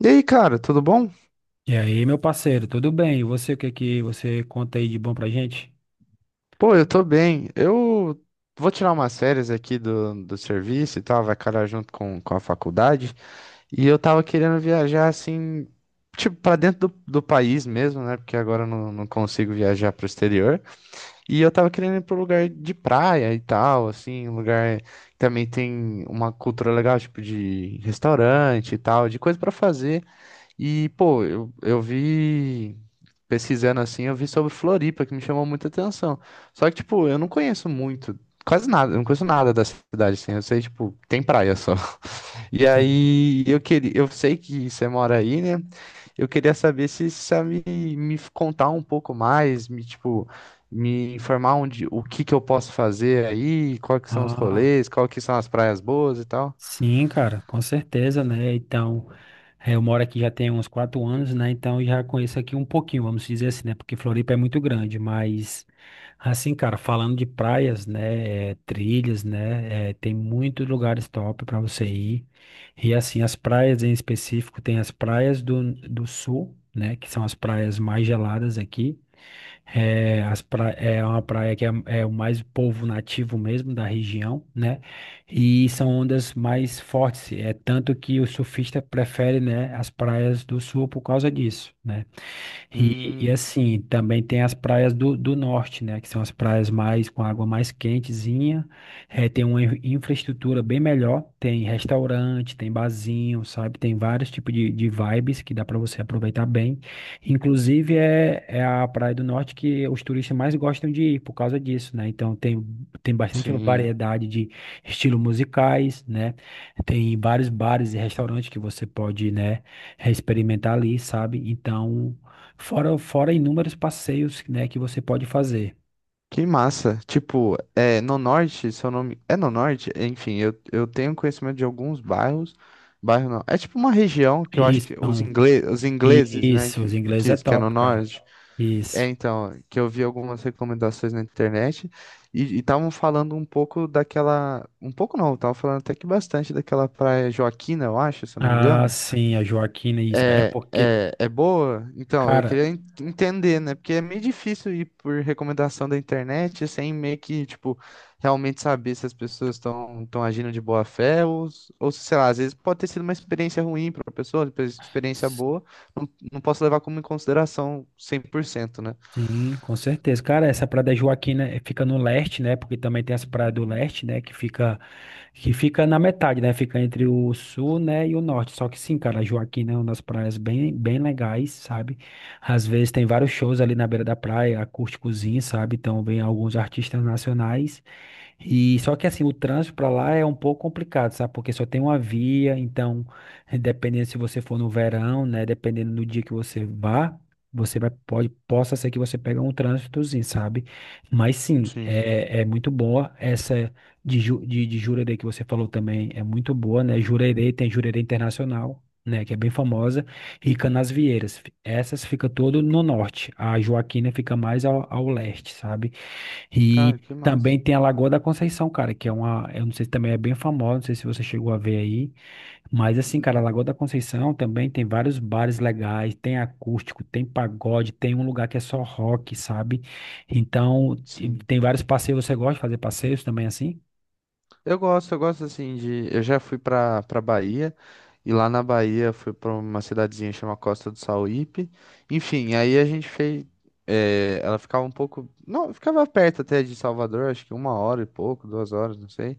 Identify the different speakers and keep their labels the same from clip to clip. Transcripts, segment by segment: Speaker 1: E aí, cara, tudo bom?
Speaker 2: E aí, meu parceiro, tudo bem? E você, o que que você conta aí de bom pra gente?
Speaker 1: Pô, eu tô bem. Eu vou tirar umas férias aqui do serviço e tal, vai calhar junto com a faculdade. E eu tava querendo viajar assim, tipo, pra dentro do país mesmo, né? Porque agora eu não consigo viajar pro exterior. E eu tava querendo ir pro lugar de praia e tal, assim, um lugar que também tem uma cultura legal, tipo, de restaurante e tal, de coisa pra fazer. E, pô, eu vi, pesquisando assim, eu vi sobre Floripa, que me chamou muita atenção. Só que, tipo, eu não conheço muito, quase nada, eu não conheço nada da cidade, assim, eu sei, tipo, tem praia só. E
Speaker 2: Sim.
Speaker 1: aí, eu queria, eu sei que você mora aí, né? Eu queria saber se você sabe me contar um pouco mais, me, tipo, me informar onde, o que que eu posso fazer aí, quais que são os
Speaker 2: Ah,
Speaker 1: rolês, quais que são as praias boas e tal.
Speaker 2: sim, cara, com certeza, né? Então, eu moro aqui já tem uns 4 anos, né? Então, já conheço aqui um pouquinho, vamos dizer assim, né? Porque Floripa é muito grande, mas, assim, cara, falando de praias, né? Trilhas, né? Tem muitos lugares top pra você ir. E, assim, as praias em específico, tem as praias do sul, né? Que são as praias mais geladas aqui. É, é uma praia que é o mais povo nativo mesmo da região, né? E são ondas mais fortes. É tanto que o surfista prefere, né, as praias do sul por causa disso, né? E
Speaker 1: Hum,
Speaker 2: assim, também tem as praias do norte, né? Que são as praias mais com água mais quentezinha. Tem uma infraestrutura bem melhor. Tem restaurante, tem barzinho, sabe? Tem vários tipos de vibes que dá para você aproveitar bem. Inclusive, é a praia do norte que os turistas mais gostam de ir por causa disso, né? Então, tem bastante
Speaker 1: sim.
Speaker 2: variedade de estilos musicais, né? Tem vários bares e restaurantes que você pode, né? É experimentar ali, sabe? Então, fora inúmeros passeios, né, que você pode fazer.
Speaker 1: Que massa. Tipo, é, no norte, seu nome. É no norte? Enfim, eu tenho conhecimento de alguns bairros. Bairro não. É tipo uma região que eu acho
Speaker 2: Isso,
Speaker 1: que os
Speaker 2: então,
Speaker 1: os ingleses, né?
Speaker 2: isso, os ingleses é
Speaker 1: Que é no
Speaker 2: top, cara.
Speaker 1: norte. É,
Speaker 2: Isso.
Speaker 1: então, que eu vi algumas recomendações na internet e estavam falando um pouco daquela. Um pouco não, estavam falando até que bastante daquela praia Joaquina, eu acho, se eu não me
Speaker 2: Ah,
Speaker 1: engano.
Speaker 2: sim, a Joaquina, isso. É
Speaker 1: É,
Speaker 2: porque,
Speaker 1: é, é boa? Então, eu
Speaker 2: cara.
Speaker 1: queria entender, né? Porque é meio difícil ir por recomendação da internet sem meio que, tipo, realmente saber se as pessoas estão agindo de boa fé ou, ou, se, sei lá, às vezes pode ter sido uma experiência ruim para a pessoa, depois experiência boa, não posso levar como em consideração 100%, né?
Speaker 2: Sim, com certeza. Cara, essa Praia da Joaquina fica no leste, né? Porque também tem essa praia do leste, né? Que fica na metade, né? Fica entre o sul, né? E o norte. Só que sim, cara, a Joaquina é uma das praias bem, bem legais, sabe? Às vezes tem vários shows ali na beira da praia, acústicozinho, sabe? Então vem alguns artistas nacionais. E só que assim, o trânsito para lá é um pouco complicado, sabe? Porque só tem uma via, então, dependendo se você for no verão, né, dependendo do dia que você vá, você vai pode possa ser que você pegue um trânsitozinho, sabe? Mas sim,
Speaker 1: Sim.
Speaker 2: é, é muito boa essa de Jurerê que você falou também, é muito boa, né? Jurerê tem Jurerê Internacional. Né, que é bem famosa, e Canasvieiras. Essas fica todo no norte. A Joaquina fica mais ao leste, sabe?
Speaker 1: Cara,
Speaker 2: E
Speaker 1: que massa.
Speaker 2: também tem a Lagoa da Conceição, cara, que é uma, eu não sei se também é bem famosa, não sei se você chegou a ver aí, mas assim,
Speaker 1: Hum,
Speaker 2: cara, a Lagoa da Conceição também tem vários bares legais, tem acústico, tem pagode, tem um lugar que é só rock, sabe? Então, e
Speaker 1: Sim.
Speaker 2: tem vários passeios, você gosta de fazer passeios também assim?
Speaker 1: Eu gosto assim de. Eu já fui pra Bahia, e lá na Bahia fui pra uma cidadezinha chamada Costa do Sauípe. Enfim, aí a gente fez. Ela ficava um pouco. Não, ficava perto até de Salvador, acho que uma hora e pouco, duas horas, não sei.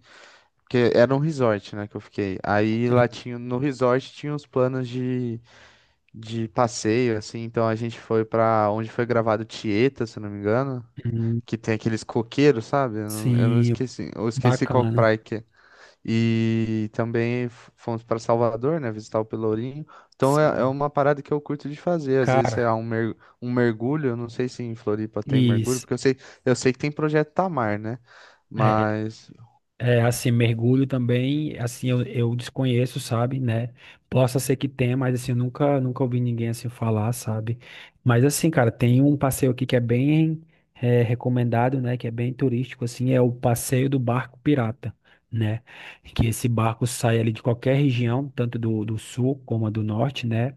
Speaker 1: Porque era um resort, né, que eu fiquei. Aí lá
Speaker 2: Sim.
Speaker 1: tinha. No resort tinha os planos de passeio, assim. Então a gente foi pra onde foi gravado Tieta, se eu não me engano.
Speaker 2: Hum,
Speaker 1: Que tem aqueles coqueiros, sabe? Eu não
Speaker 2: sim,
Speaker 1: esqueci. Eu esqueci qual
Speaker 2: bacana.
Speaker 1: praia que é. E também fomos para Salvador, né? Visitar o Pelourinho. Então é, é
Speaker 2: Sim.
Speaker 1: uma parada que eu curto de fazer. Às vezes, sei lá,
Speaker 2: Cara,
Speaker 1: um, mer um mergulho. Eu não sei se em Floripa tem mergulho,
Speaker 2: isso.
Speaker 1: porque eu sei que tem projeto Tamar, né? Mas,
Speaker 2: É, assim, mergulho também, assim, eu desconheço, sabe, né? Possa ser que tenha, mas assim, eu nunca, nunca ouvi ninguém assim falar, sabe? Mas assim, cara, tem um passeio aqui que é bem recomendado, né? Que é bem turístico, assim, é o passeio do barco pirata, né? Que esse barco sai ali de qualquer região, tanto do sul como a do norte, né?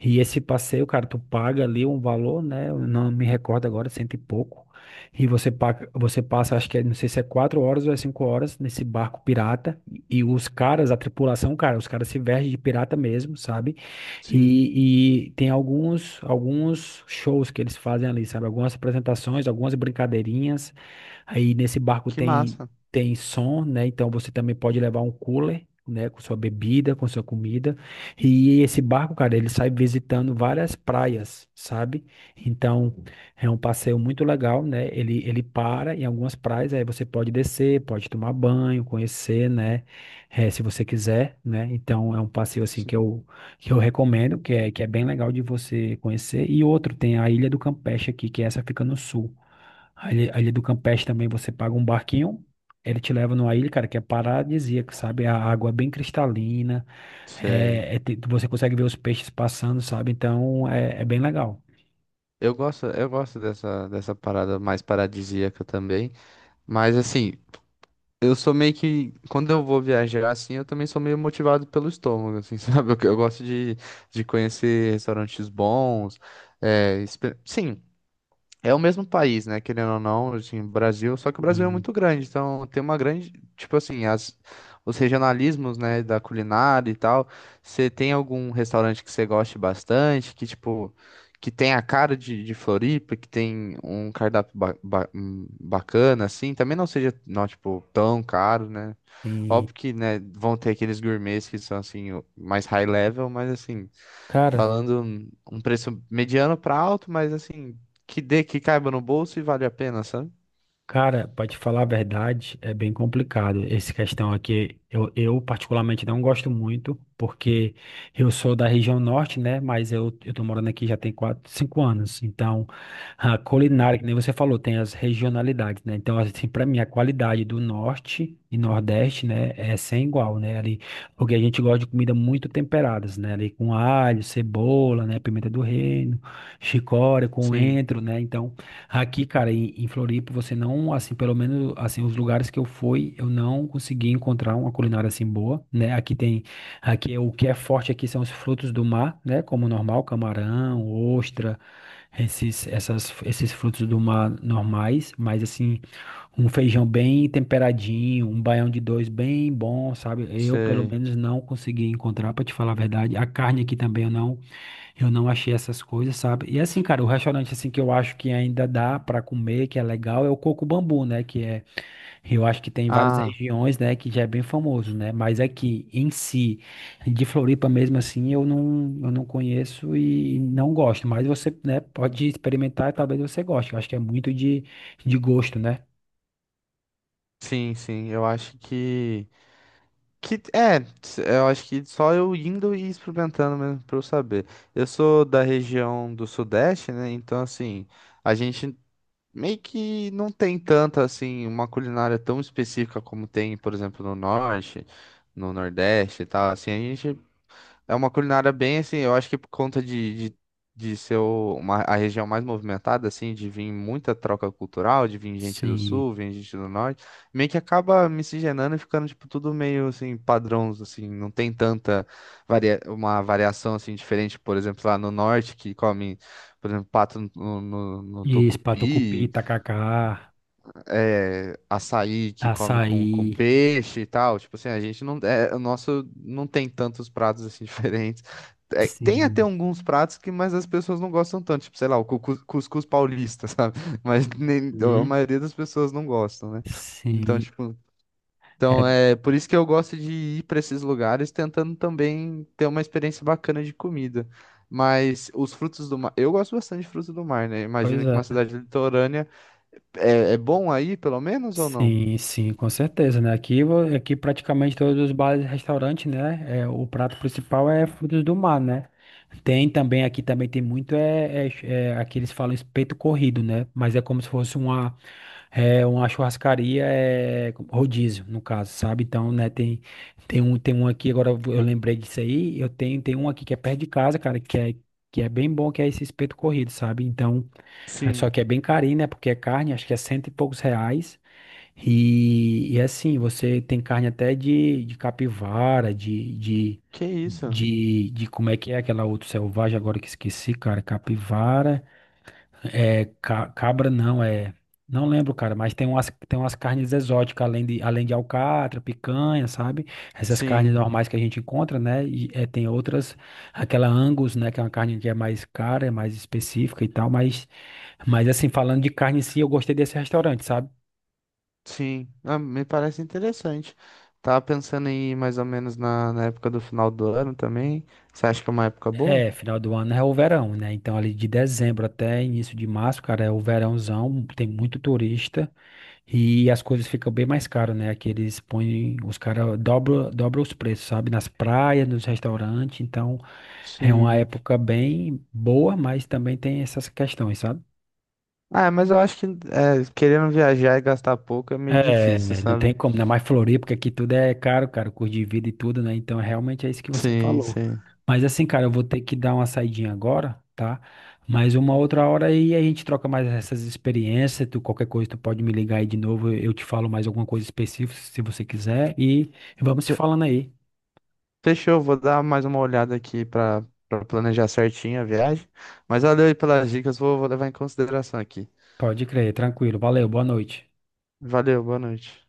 Speaker 2: E esse passeio, cara, tu paga ali um valor, né? Eu não me recordo agora, cento e pouco. E você, você passa, acho que é, não sei se é 4 horas ou é 5 horas nesse barco pirata. E os caras, a tripulação, cara, os caras se vestem de pirata mesmo, sabe?
Speaker 1: sim,
Speaker 2: E tem alguns, alguns shows que eles fazem ali, sabe? Algumas apresentações, algumas brincadeirinhas. Aí nesse barco
Speaker 1: que massa.
Speaker 2: tem som, né? Então você também pode levar um cooler, né, com sua bebida, com sua comida. E esse barco, cara, ele sai visitando várias praias, sabe? Então é um passeio muito legal, né? Ele para em algumas praias, aí você pode descer, pode tomar banho, conhecer, né? Eh, se você quiser, né? Então é um passeio assim
Speaker 1: Sim,
Speaker 2: que eu recomendo, que é bem legal de você conhecer. E outro, tem a Ilha do Campeche aqui, que essa fica no sul. A Ilha do Campeche também você paga um barquinho, ele te leva numa ilha, cara, que é paradisíaca, sabe? A água é bem cristalina,
Speaker 1: sei.
Speaker 2: é, você consegue ver os peixes passando, sabe? Então é, é bem legal.
Speaker 1: Eu gosto dessa, dessa parada mais paradisíaca também. Mas, assim, eu sou meio que, quando eu vou viajar assim, eu também sou meio motivado pelo estômago, assim, sabe? Eu gosto de conhecer restaurantes bons, é, sim, é o mesmo país, né? Querendo ou não, assim, Brasil, só que o Brasil é
Speaker 2: Sim,
Speaker 1: muito grande, então tem uma grande, tipo assim, as, os regionalismos, né, da culinária e tal. Você tem algum restaurante que você goste bastante, que tipo, que tem a cara de Floripa, que tem um cardápio bacana, assim, também não seja, não, tipo, tão caro, né?
Speaker 2: sim.
Speaker 1: Óbvio que, né, vão ter aqueles gourmets que são, assim, mais high level, mas, assim,
Speaker 2: Cara,
Speaker 1: falando um preço mediano para alto, mas, assim, que dê, que caiba no bolso e vale a pena, sabe?
Speaker 2: Cara, pra te falar a verdade, é bem complicado essa questão aqui. Eu particularmente não gosto muito, porque eu sou da região norte, né? Mas eu tô morando aqui já tem 4, 5 anos. Então, a culinária, que nem você falou, tem as regionalidades, né? Então, assim, pra mim, a qualidade do norte e nordeste, né, é sem igual, né? Ali, porque a gente gosta de comida muito temperadas, né? Ali com alho, cebola, né? Pimenta do reino, chicória,
Speaker 1: Sim,
Speaker 2: coentro, né? Então. Aqui, cara, em Floripa, você não, assim, pelo menos, assim, os lugares que eu fui, eu não consegui encontrar uma culinária assim boa, né? Aqui é, o que é forte aqui são os frutos do mar, né? Como normal, camarão, ostra, esses frutos do mar normais, mas assim, um feijão bem temperadinho, um baião de dois bem bom, sabe? Eu, pelo
Speaker 1: sei.
Speaker 2: menos, não consegui encontrar, para te falar a verdade. A carne aqui também eu não achei essas coisas, sabe? E assim, cara, o restaurante assim que eu acho que ainda dá pra comer, que é legal, é o Coco Bambu, né? Que é, eu acho que tem em várias
Speaker 1: Ah,
Speaker 2: regiões, né? Que já é bem famoso, né? Mas aqui em si, de Floripa mesmo assim, eu não conheço e não gosto. Mas você, né? Pode experimentar, e talvez você goste. Eu acho que é muito de gosto, né?
Speaker 1: sim, sim, eu acho que é, eu acho que só eu indo e experimentando mesmo pra eu saber. Eu sou da região do Sudeste, né, então, assim, a gente meio que não tem tanta, assim, uma culinária tão específica como tem, por exemplo, no Norte, no Nordeste e tal. Assim, a gente é uma culinária bem, assim, eu acho que por conta de ser uma, a região mais movimentada, assim, de vir muita troca cultural, de vir gente do
Speaker 2: Sim.
Speaker 1: Sul, vir gente do Norte, meio que acaba miscigenando e ficando, tipo, tudo meio, assim, padrões, assim, não tem tanta varia uma variação, assim, diferente, por exemplo, lá no Norte, que come, por exemplo, pato no
Speaker 2: Isso, patucupi,
Speaker 1: tucupi,
Speaker 2: tacacá,
Speaker 1: é, açaí que come
Speaker 2: açaí,
Speaker 1: com peixe e tal. Tipo assim, a gente não. É, o nosso não tem tantos pratos assim diferentes. É, tem até
Speaker 2: sim.
Speaker 1: alguns pratos que, mas as pessoas não gostam tanto. Tipo, sei lá, o cuscuz paulista, sabe? Mas nem, a
Speaker 2: Hum,
Speaker 1: maioria das pessoas não gostam, né? Então,
Speaker 2: sim.
Speaker 1: tipo.
Speaker 2: É,
Speaker 1: Então, é por isso que eu gosto de ir para esses lugares tentando também ter uma experiência bacana de comida. Mas os frutos do mar, eu gosto bastante de frutos do mar, né?
Speaker 2: pois
Speaker 1: Imagino que uma
Speaker 2: é.
Speaker 1: cidade litorânea é, é bom aí, pelo menos, ou não?
Speaker 2: Sim, sim, com certeza, né? Aqui, aqui praticamente todos os bares e restaurantes, né? É, o prato principal é frutos do mar, né? Tem também, aqui também tem muito, é, aqui eles falam espeto corrido, né? Mas é como se fosse uma, é, uma churrascaria, é, rodízio, no caso, sabe? Então, né, tem um aqui, agora eu lembrei disso aí, tem um aqui que é perto de casa, cara, que é bem bom, que é esse espeto corrido, sabe? Então, é, só
Speaker 1: Sim.
Speaker 2: que é bem carinho, né? Porque é carne, acho que é cento e poucos reais. E assim, você tem carne até de capivara,
Speaker 1: Que isso?
Speaker 2: de como é que é aquela outra selvagem, agora que esqueci, cara, capivara, é, cabra não, é, não lembro, cara, mas tem umas carnes exóticas, além de alcatra, picanha, sabe? Essas carnes
Speaker 1: Sim,
Speaker 2: normais que a gente encontra, né? E, é, tem outras, aquela Angus, né, que é uma carne que é mais cara, é mais específica e tal, mas assim, falando de carne em si, eu gostei desse restaurante, sabe?
Speaker 1: sim. Ah, me parece interessante. Tava pensando em ir mais ou menos na, na época do final do ano também. Você acha que é uma época boa?
Speaker 2: É, final do ano é o verão, né? Então, ali de dezembro até início de março, cara, é o verãozão, tem muito turista e as coisas ficam bem mais caras, né? Aqui eles põem, os caras dobram, dobram os preços, sabe? Nas praias, nos restaurantes. Então, é uma
Speaker 1: Sim.
Speaker 2: época bem boa, mas também tem essas questões, sabe?
Speaker 1: Ah, mas eu acho que é, querendo viajar e gastar pouco é meio
Speaker 2: É,
Speaker 1: difícil,
Speaker 2: não
Speaker 1: sabe?
Speaker 2: tem como, ainda mais Floripa, porque aqui tudo é caro, cara, o custo de vida e tudo, né? Então, realmente é isso que você
Speaker 1: Sim,
Speaker 2: falou.
Speaker 1: sim.
Speaker 2: Mas assim, cara, eu vou ter que dar uma saidinha agora, tá? Mas uma outra hora aí a gente troca mais essas experiências, tu, qualquer coisa tu pode me ligar aí de novo, eu te falo mais alguma coisa específica se você quiser e vamos se
Speaker 1: Fe-
Speaker 2: falando aí.
Speaker 1: Fechou, vou dar mais uma olhada aqui pra planejar certinho a viagem. Mas valeu aí pelas dicas, vou, vou levar em consideração aqui.
Speaker 2: Pode crer, tranquilo. Valeu, boa noite.
Speaker 1: Valeu, boa noite.